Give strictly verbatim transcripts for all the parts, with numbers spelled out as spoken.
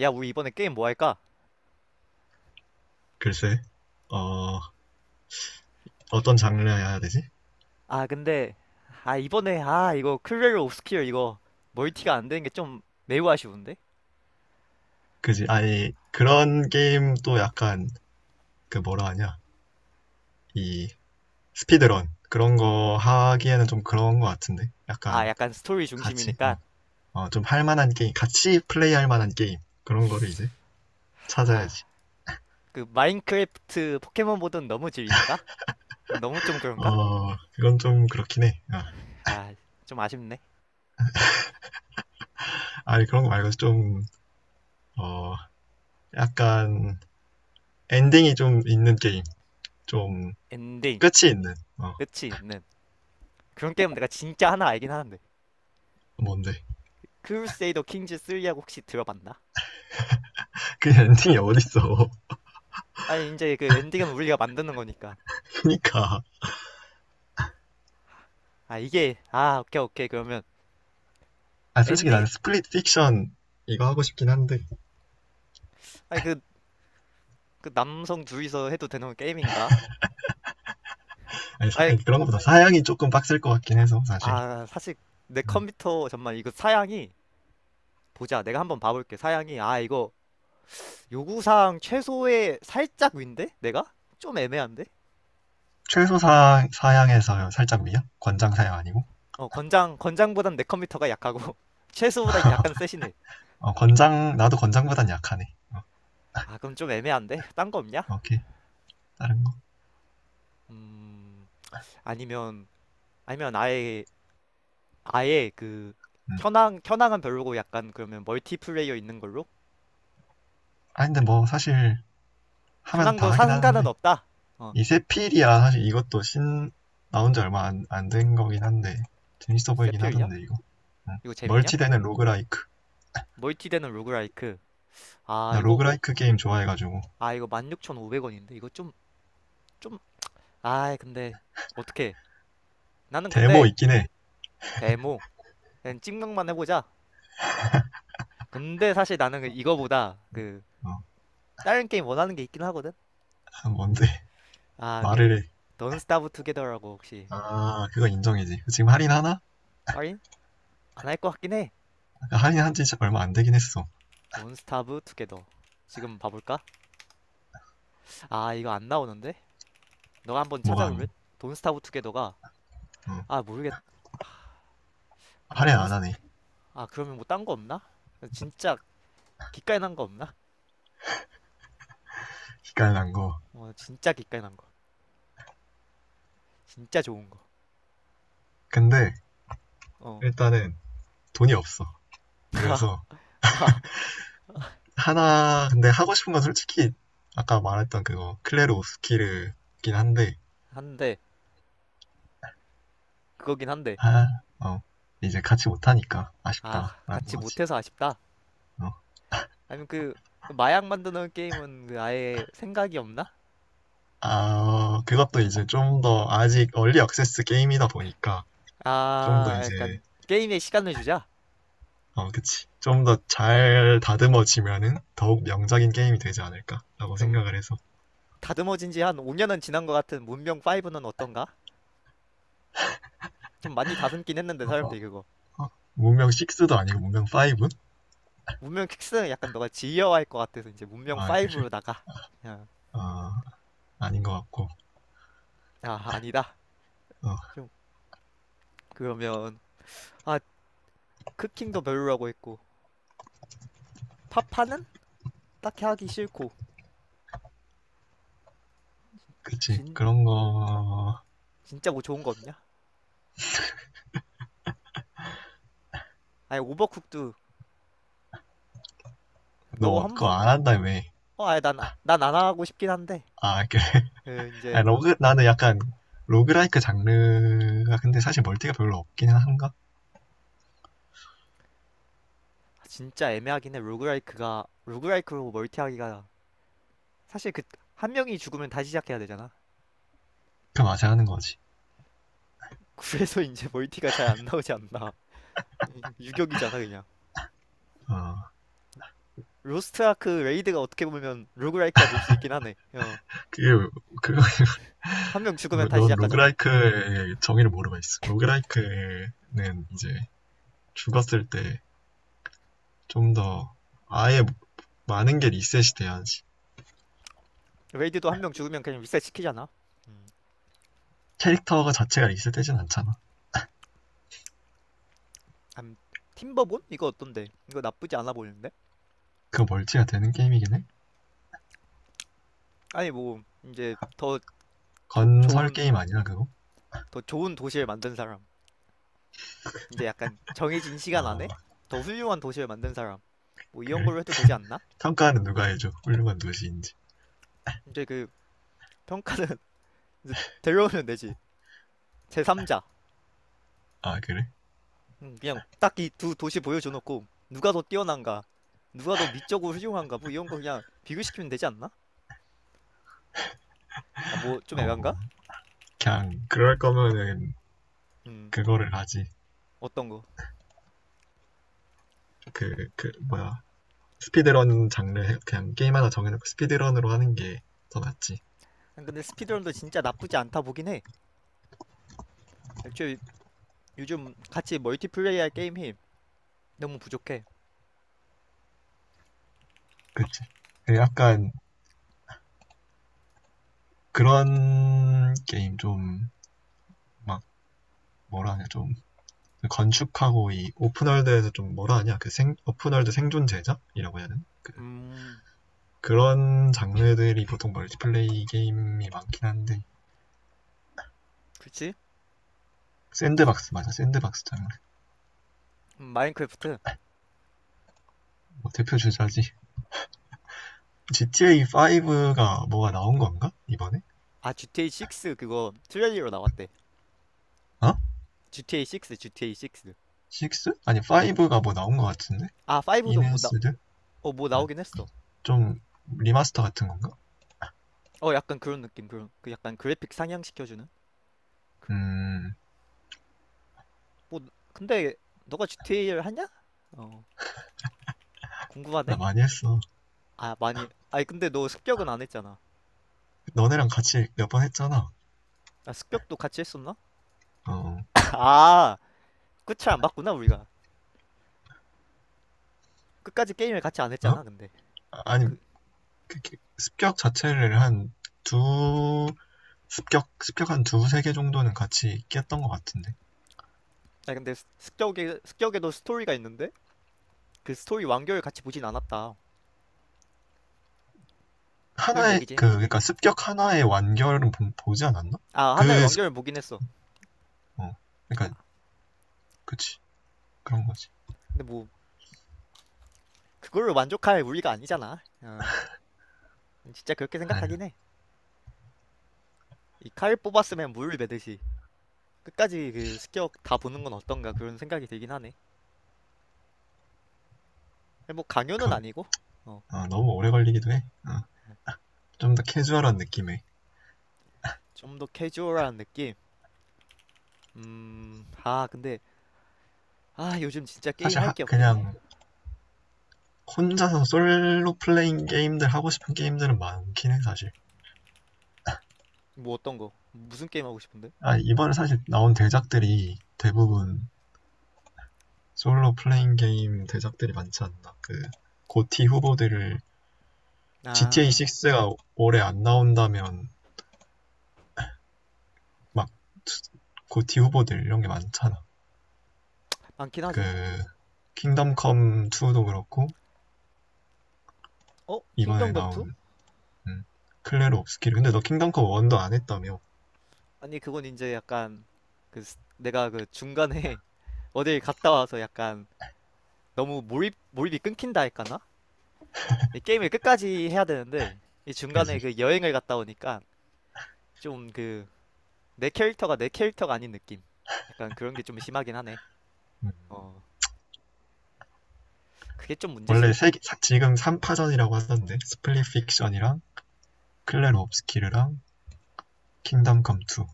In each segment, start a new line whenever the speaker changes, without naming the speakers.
야, 우리 이번에 게임 뭐 할까?
글쎄, 어, 어떤 장르야 해야 되지?
아, 근데, 아, 이번에, 아, 이거 클레르 옵스큐어 이거 멀티가 안 되는 게 좀 매우 아쉬운데?
그지? 아니, 그런 게임도 약간, 그 뭐라 하냐, 이, 스피드런. 그런 거 하기에는 좀 그런 거 같은데?
아,
약간,
약간 스토리
같이, 어,
중심이니까.
어, 좀 할 만한 게임, 같이 플레이할 만한 게임. 그런 거를 이제
아,
찾아야지.
그 마인크래프트 포켓몬 보던 너무 질린가? 너무 좀 그런가?
어, 그건 좀 그렇긴 해. 아,
아, 좀 아쉽네.
아니, 그런 거 말고 좀, 어, 약간, 엔딩이 좀 있는 게임. 좀,
엔딩,
끝이 있는, 어,
끝이 있는. 그런 게임 내가 진짜 하나 알긴 하는데.
뭔데?
크루세이더 킹즈 삼하고 혹시 들어봤나?
그 엔딩이 어딨어.
아니, 이제 그 엔딩은 우리가 만드는 거니까.
그니까.
아, 이게, 아, 오케이, 오케이. 그러면
아, 솔직히
엔딩,
나는 스플릿 픽션 이거 하고 싶긴 한데,
아니, 그 그 남성 둘이서 해도 되는 게임인가?
아니, 사-
아니,
아니, 그런 것보다 사양이 조금 빡셀 것 같긴 해서, 사실.
아, 사실 내
음.
컴퓨터 정말 이거 사양이 보자. 내가 한번 봐볼게. 사양이 아 이거 요구사항 최소의 살짝 위인데 내가 좀 애매한데?
최소 사, 사양에서 살짝 위야? 권장 사양 아니고?
어 건장 건장보단 내 컴퓨터가 약하고 최소보단 약간 세시네.
어, 권장, 나도 권장보단 약하네.
아 그럼 좀 애매한데? 딴 거 없냐?
오케이, 다른 거.
음 아니면 아니면 아예 아예 그
음.
현황 현황은 별로고 약간 그러면 멀티플레이어 있는 걸로?
아, 근데 뭐, 사실, 하면 다
현황도 사
하긴
승가은
하는데,
없다. 어
이 세필이야, 사실 이것도 신, 나온 지 얼마 안, 안 된 거긴 한데, 재밌어 보이긴
세필이야?
하던데, 이거.
이거 재밌냐?
멀티되는 로그라이크.
멀티되는 로그라이크. 아,
나
이거, 어?
로그라이크 게임 좋아해가지고,
아, 이거 만 육천오백 원인데? 이거 좀, 좀, 아이, 근데, 어떻게. 나는
데모
근데,
있긴 해.
데모. 그냥 찍명만 해보자. 근데 사실 나는 그 이거보다, 그,
어,
다른 게임 원하는 게 있긴 하거든?
아, 뭔데.
아,
말을
그,
해.
Don't Starve Together라고 혹시,
아, 그거 인정이지. 지금
응
할인하나?
할인? 안 할 것 같긴 해.
아까 할인한 지 얼마 안 되긴 했어.
Don't Starve Together. 지금 봐볼까? 아, 이거 안 나오는데? 너가 한번
뭐가
찾아볼래?
안,
Don't Starve Together가,
어,
아, 모르겠, 아,
할인
돈,
안 하네.
아, 그러면 뭐 딴 거 없나? 진짜 기깔난 거 없나?
기깔난 거.
어, 진짜 기깔난 거. 진짜 좋은 거.
근데
어,
일단은 돈이 없어. 그래서 하나, 근데 하고 싶은 건 솔직히 아까 말했던 그거 클레르 오스키르긴 한데,
한데, 그거긴 한데,
아, 어, 이제 같이 못하니까
아,
아쉽다라는
같이
거지.
못해서 아쉽다.
어.
아니면 그, 마약 만드는 게임은 그 아예 생각이 없나?
아, 어, 그것도
어.
이제 좀 더 아직 얼리 액세스 게임이다 보니까 좀 더
아,
이제
약간, 게임에 시간을 주자.
어, 그치. 좀 더 잘 다듬어지면은 더욱 명작인 게임이 되지 않을까라고
그럼,
생각을 해서.
다듬어진 지 한 오 년은 지난 것 같은 문명 오는 어떤가? 좀 많이 다듬긴 했는데,
어, 어,
사람들이 그거.
어. 문명 식스도 아니고 문명 파이브?
문명 육은 약간 너가 지겨워할 것 같아서 이제 문명
아, 그래.
오로 나가. 그냥,
어.. 아닌 것 같고.
아, 아니다.
어,
좀, 그러면, 아, 크킹도 별로라고 했고, 파파는? 딱히 하기 싫고,
그치.
진
그런 거,
진짜 뭐 좋은 거 없냐? 아니 오버쿡도 너
너
한
그거
부
안 한다며.
어 아니 난난 안 하고 싶긴 한데
아, 그래.
그
아, 니
이제
로그, 나는 약간 로그라이크 장르가 근데 사실 멀티가 별로 없긴 한가?
진짜 애매하긴 해 로그라이크가 로그라이크로 멀티하기가 사실 그 한 명이 죽으면 다시 시작해야 되잖아
그 맛에 하는 거지.
그래서 이제 멀티가 잘 안 나오지 않나 유격이잖아 그냥
어,
로스트 아크 레이드가 어떻게 보면 로그라이크라 볼 수 있긴 하네 어한
그, 게 그거,
명 죽으면
로-
다시
넌
시작하잖아
로그라이크의 정의를 모르고 있어. 로그라이크는 이제 죽었을 때 좀 더 아예 많은 게 리셋이 돼야지.
레이드도 한 명 죽으면 그냥 리셋 시키잖아
캐릭터가 자체가 리셋되진 않잖아.
암 팀버본 이거 어떤데 이거 나쁘지 않아 보이는데
그 멀티가 되는 게임이긴 해.
아니 뭐 이제 더 도-
건설
좋은
게임 아니야 그거?
더 좋은 도시를 만든 사람, 이제 약간 정해진 시간
어,
안에 더 훌륭한 도시를 만든 사람, 뭐 이런 걸로
그래?
해도 되지 않나?
평가는 누가 해줘? 훌륭한 도시인지.
이제 그 평가는 이제 데려오면 되지. 제삼자.
아, 그래?
그냥 딱 이 두 도시 보여줘놓고 누가 더 뛰어난가, 누가 더 미적으로 훌륭한가, 뭐 이런 거 그냥 비교시키면 되지 않나? 아, 뭐 좀 애간가?
어, 그냥 그럴 거면은
음,
그거를 하지.
어떤 거?
그 그 뭐야, 스피드런 장르 그냥 게임 하나 정해놓고 스피드런으로 하는 게 더 낫지.
아, 근데 스피드런도 진짜 나쁘지 않다 보긴 해. 애초에 요즘 같이 멀티플레이할 게임이 너무 부족해.
그치? 그 약간 그런 게임 좀 막 뭐라 하냐, 좀 건축하고 이 오픈월드에서 좀 뭐라 하냐 그 생, 오픈월드 생존 제작이라고 해야 되나, 그,
음,
그런 장르들이 보통 멀티플레이 게임이 많긴 한데
그렇지?
샌드박스 맞아, 샌드박스 장르.
마인크래프트.
뭐 대표 주자지. 지티에이 오가 뭐가 나온 건가 이번에?
아 지티에이 육 그거 트레일러 나왔대.
어,
지티에이 식스, 지티에이 식스.
식스? 아니
어.
파이브가 뭐 나온 것 같은데.
아
인
파이브도
핸
뭐 나,
스드
어, 뭐
어,
나오긴 했어.
좀 리마스터 같은 건가.
어 약간 그런 느낌 그런 그 약간 그래픽 상향시켜주는.
음나.
뭐 근데 너가 지티에이를 하냐? 어 궁금하네.
많이 했어.
아 많이 아니 근데 너 습격은 안 했잖아.
너네랑 같이 몇 번 했잖아.
아 습격도 같이 했었나?
어, 어?
아 끝을 안 봤구나 우리가. 끝까지 게임을 같이 안
아,
했잖아 근데.
아니
그
습격 자체를 한 두, 습격, 습격 한 두세 개 정도는 같이 깼던 것 같은데.
아 근데 습- 습격에 습격에도 스토리가 있는데 그 스토리 완결을 같이 보진 않았다. 그런
하나의,
얘기지.
그, 그러니까 습격 하나의 완결은 보, 보지 않았나?
아 하나의
그,
완결을 보긴 했어.
어, 그러니까, 그치. 그런 거지.
근데 뭐 그걸로 만족할 우리가 아니잖아. 어, 진짜 그렇게
아유,
생각하긴 해. 이 칼 뽑았으면 물 매듯이 끝까지 그 습격 다 보는 건 어떤가 그런 생각이 들긴 하네. 뭐 강요는
그건,
아니고 어,
어, 너무 오래 걸리기도 해. 어, 좀 더 캐주얼한 느낌의.
좀 더 캐주얼한 느낌. 음, 아 근데 아 요즘 진짜 게임
사실,
할
하,
게 없긴 해.
그냥, 혼자서 솔로 플레잉 게임들 하고 싶은 게임들은 많긴 해, 사실.
뭐 어떤 거? 무슨 게임 하고 싶은데?
아, 이번에 사실 나온 대작들이 대부분 솔로 플레잉 게임 대작들이 많지 않나. 그 고티 후보들을 지티에이
아
육가 올해 안 나온다면 막 고티 후보들 이런 게 많잖아.
많긴
그
하지.
킹덤 컴 투도 그렇고
어? 킹덤
이번에
검 투?
나온 음, 클레르 옵스키르. 근데 너 킹덤 컴 원도 안 했다며.
아니 그건 이제 약간 그 스- 내가 그 중간에 어딜 갔다 와서 약간 너무 몰입 몰입이 끊긴다 할까나? 이 게임을 끝까지 해야 되는데 이
그지?
중간에 그 여행을 갔다 오니까 좀 그 내 캐릭터가 내 캐릭터가 아닌 느낌. 약간 그런 게 좀 심하긴 하네.
음.
어, 그게 좀
원래
문제지.
세 지금 삼파전이라고 하던데. 스플릿 픽션이랑 클레르 옵스키르랑 킹덤 컴 투.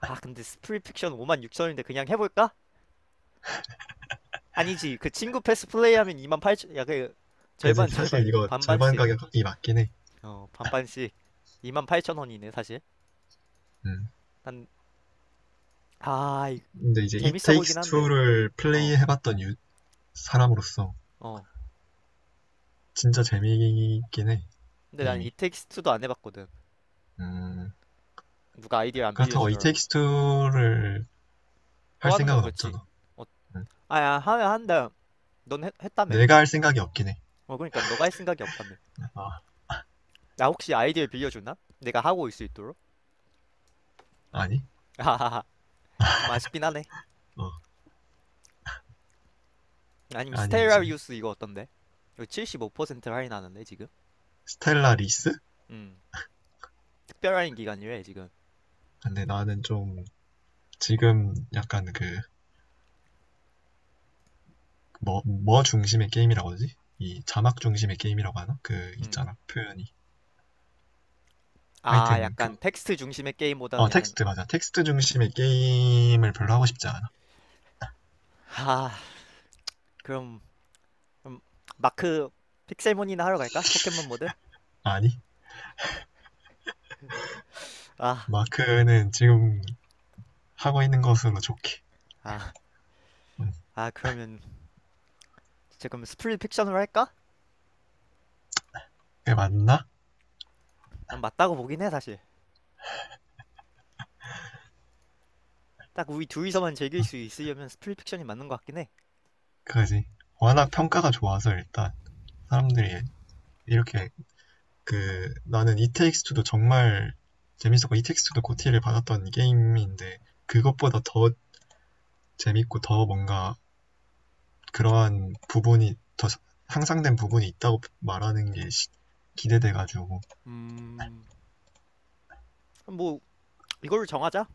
아, 근데 스프리픽션 오만 육천 원인데 그냥 해볼까? 아니지. 그 친구 패스 플레이하면 이만 팔천, 야, 그
그지?
절반
사실
절반
이거 절반
반반씩.
가격이 맞긴 해.
어, 반반씩 이만 팔천 원이네 사실.
음.
난 아, 이-
근데 이제 It
재밌어
Takes
보이긴 한데.
Two를
어,
플레이해봤던 유- 사람으로서
어.
진짜 재미있긴 해,
근데 난
게임이.
이텍스트도 안 해봤거든.
음,
누가 아이디어 안
그렇다고 It
빌려주더라고.
Takes Two를 할
또 하는 건
생각은
그렇지.
없잖아.
어,
응.
아야 하면 한다. 넌 했, 했다며.
내가 할 생각이 없긴 해.
어 그러니까 너가 할 생각이 없다며.
아,
나 혹시 아이디어 빌려주나? 내가 하고 올 수 있도록.
아니,
아하하. 좀 아쉽긴 하네.
어
아니면
아니 이제
스테라리우스 이거 어떤데? 이거 칠십오 퍼센트 할인하는데 지금.
스텔라 리스?
음. 특별 할인 기간이래 지금.
근데 나는 좀 지금 약간 그뭐뭐 중심의 게임이라고 하지? 이 자막 중심의 게임이라고 하나? 그
음.
있잖아 표현이.
아
하여튼 그
약간 텍스트 중심의 게임보다는
어
약간
텍스트 맞아, 텍스트 중심의 게임을 별로 하고 싶지 않아.
하 그럼, 그럼 마크 픽셀몬이나 하러 갈까? 포켓몬 모드?
아니,
아,
마크는 지금 하고 있는 것으로 좋게.
아,
응.
아 그러면 지금 스플릿 픽션으로 할까?
그게 맞나?
난 맞다고 보긴 해 사실. 딱 우리 둘이서만 즐길 수 있으려면 스플릿픽션이 맞는 것 같긴 해.
그지. 워낙 평가가 좋아서 일단 사람들이 이렇게, 그 나는 이 t 스트도 정말 재밌었고, 이 t 스트도 고티를 받았던 게임인데 그것보다 더 재밌고 더 뭔가 그러한 부분이 더 향상된 부분이 있다고 말하는 게 기대돼가지고.
그럼 뭐 이걸 정하자.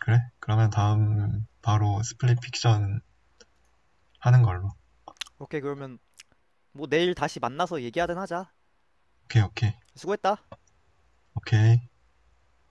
그래? 그러면 다음 바로 스플릿 픽션 하는 걸로.
오케이 그러면 뭐 내일 다시 만나서 얘기하든 하자.
오케이, 오케이,
수고했다.
오케이.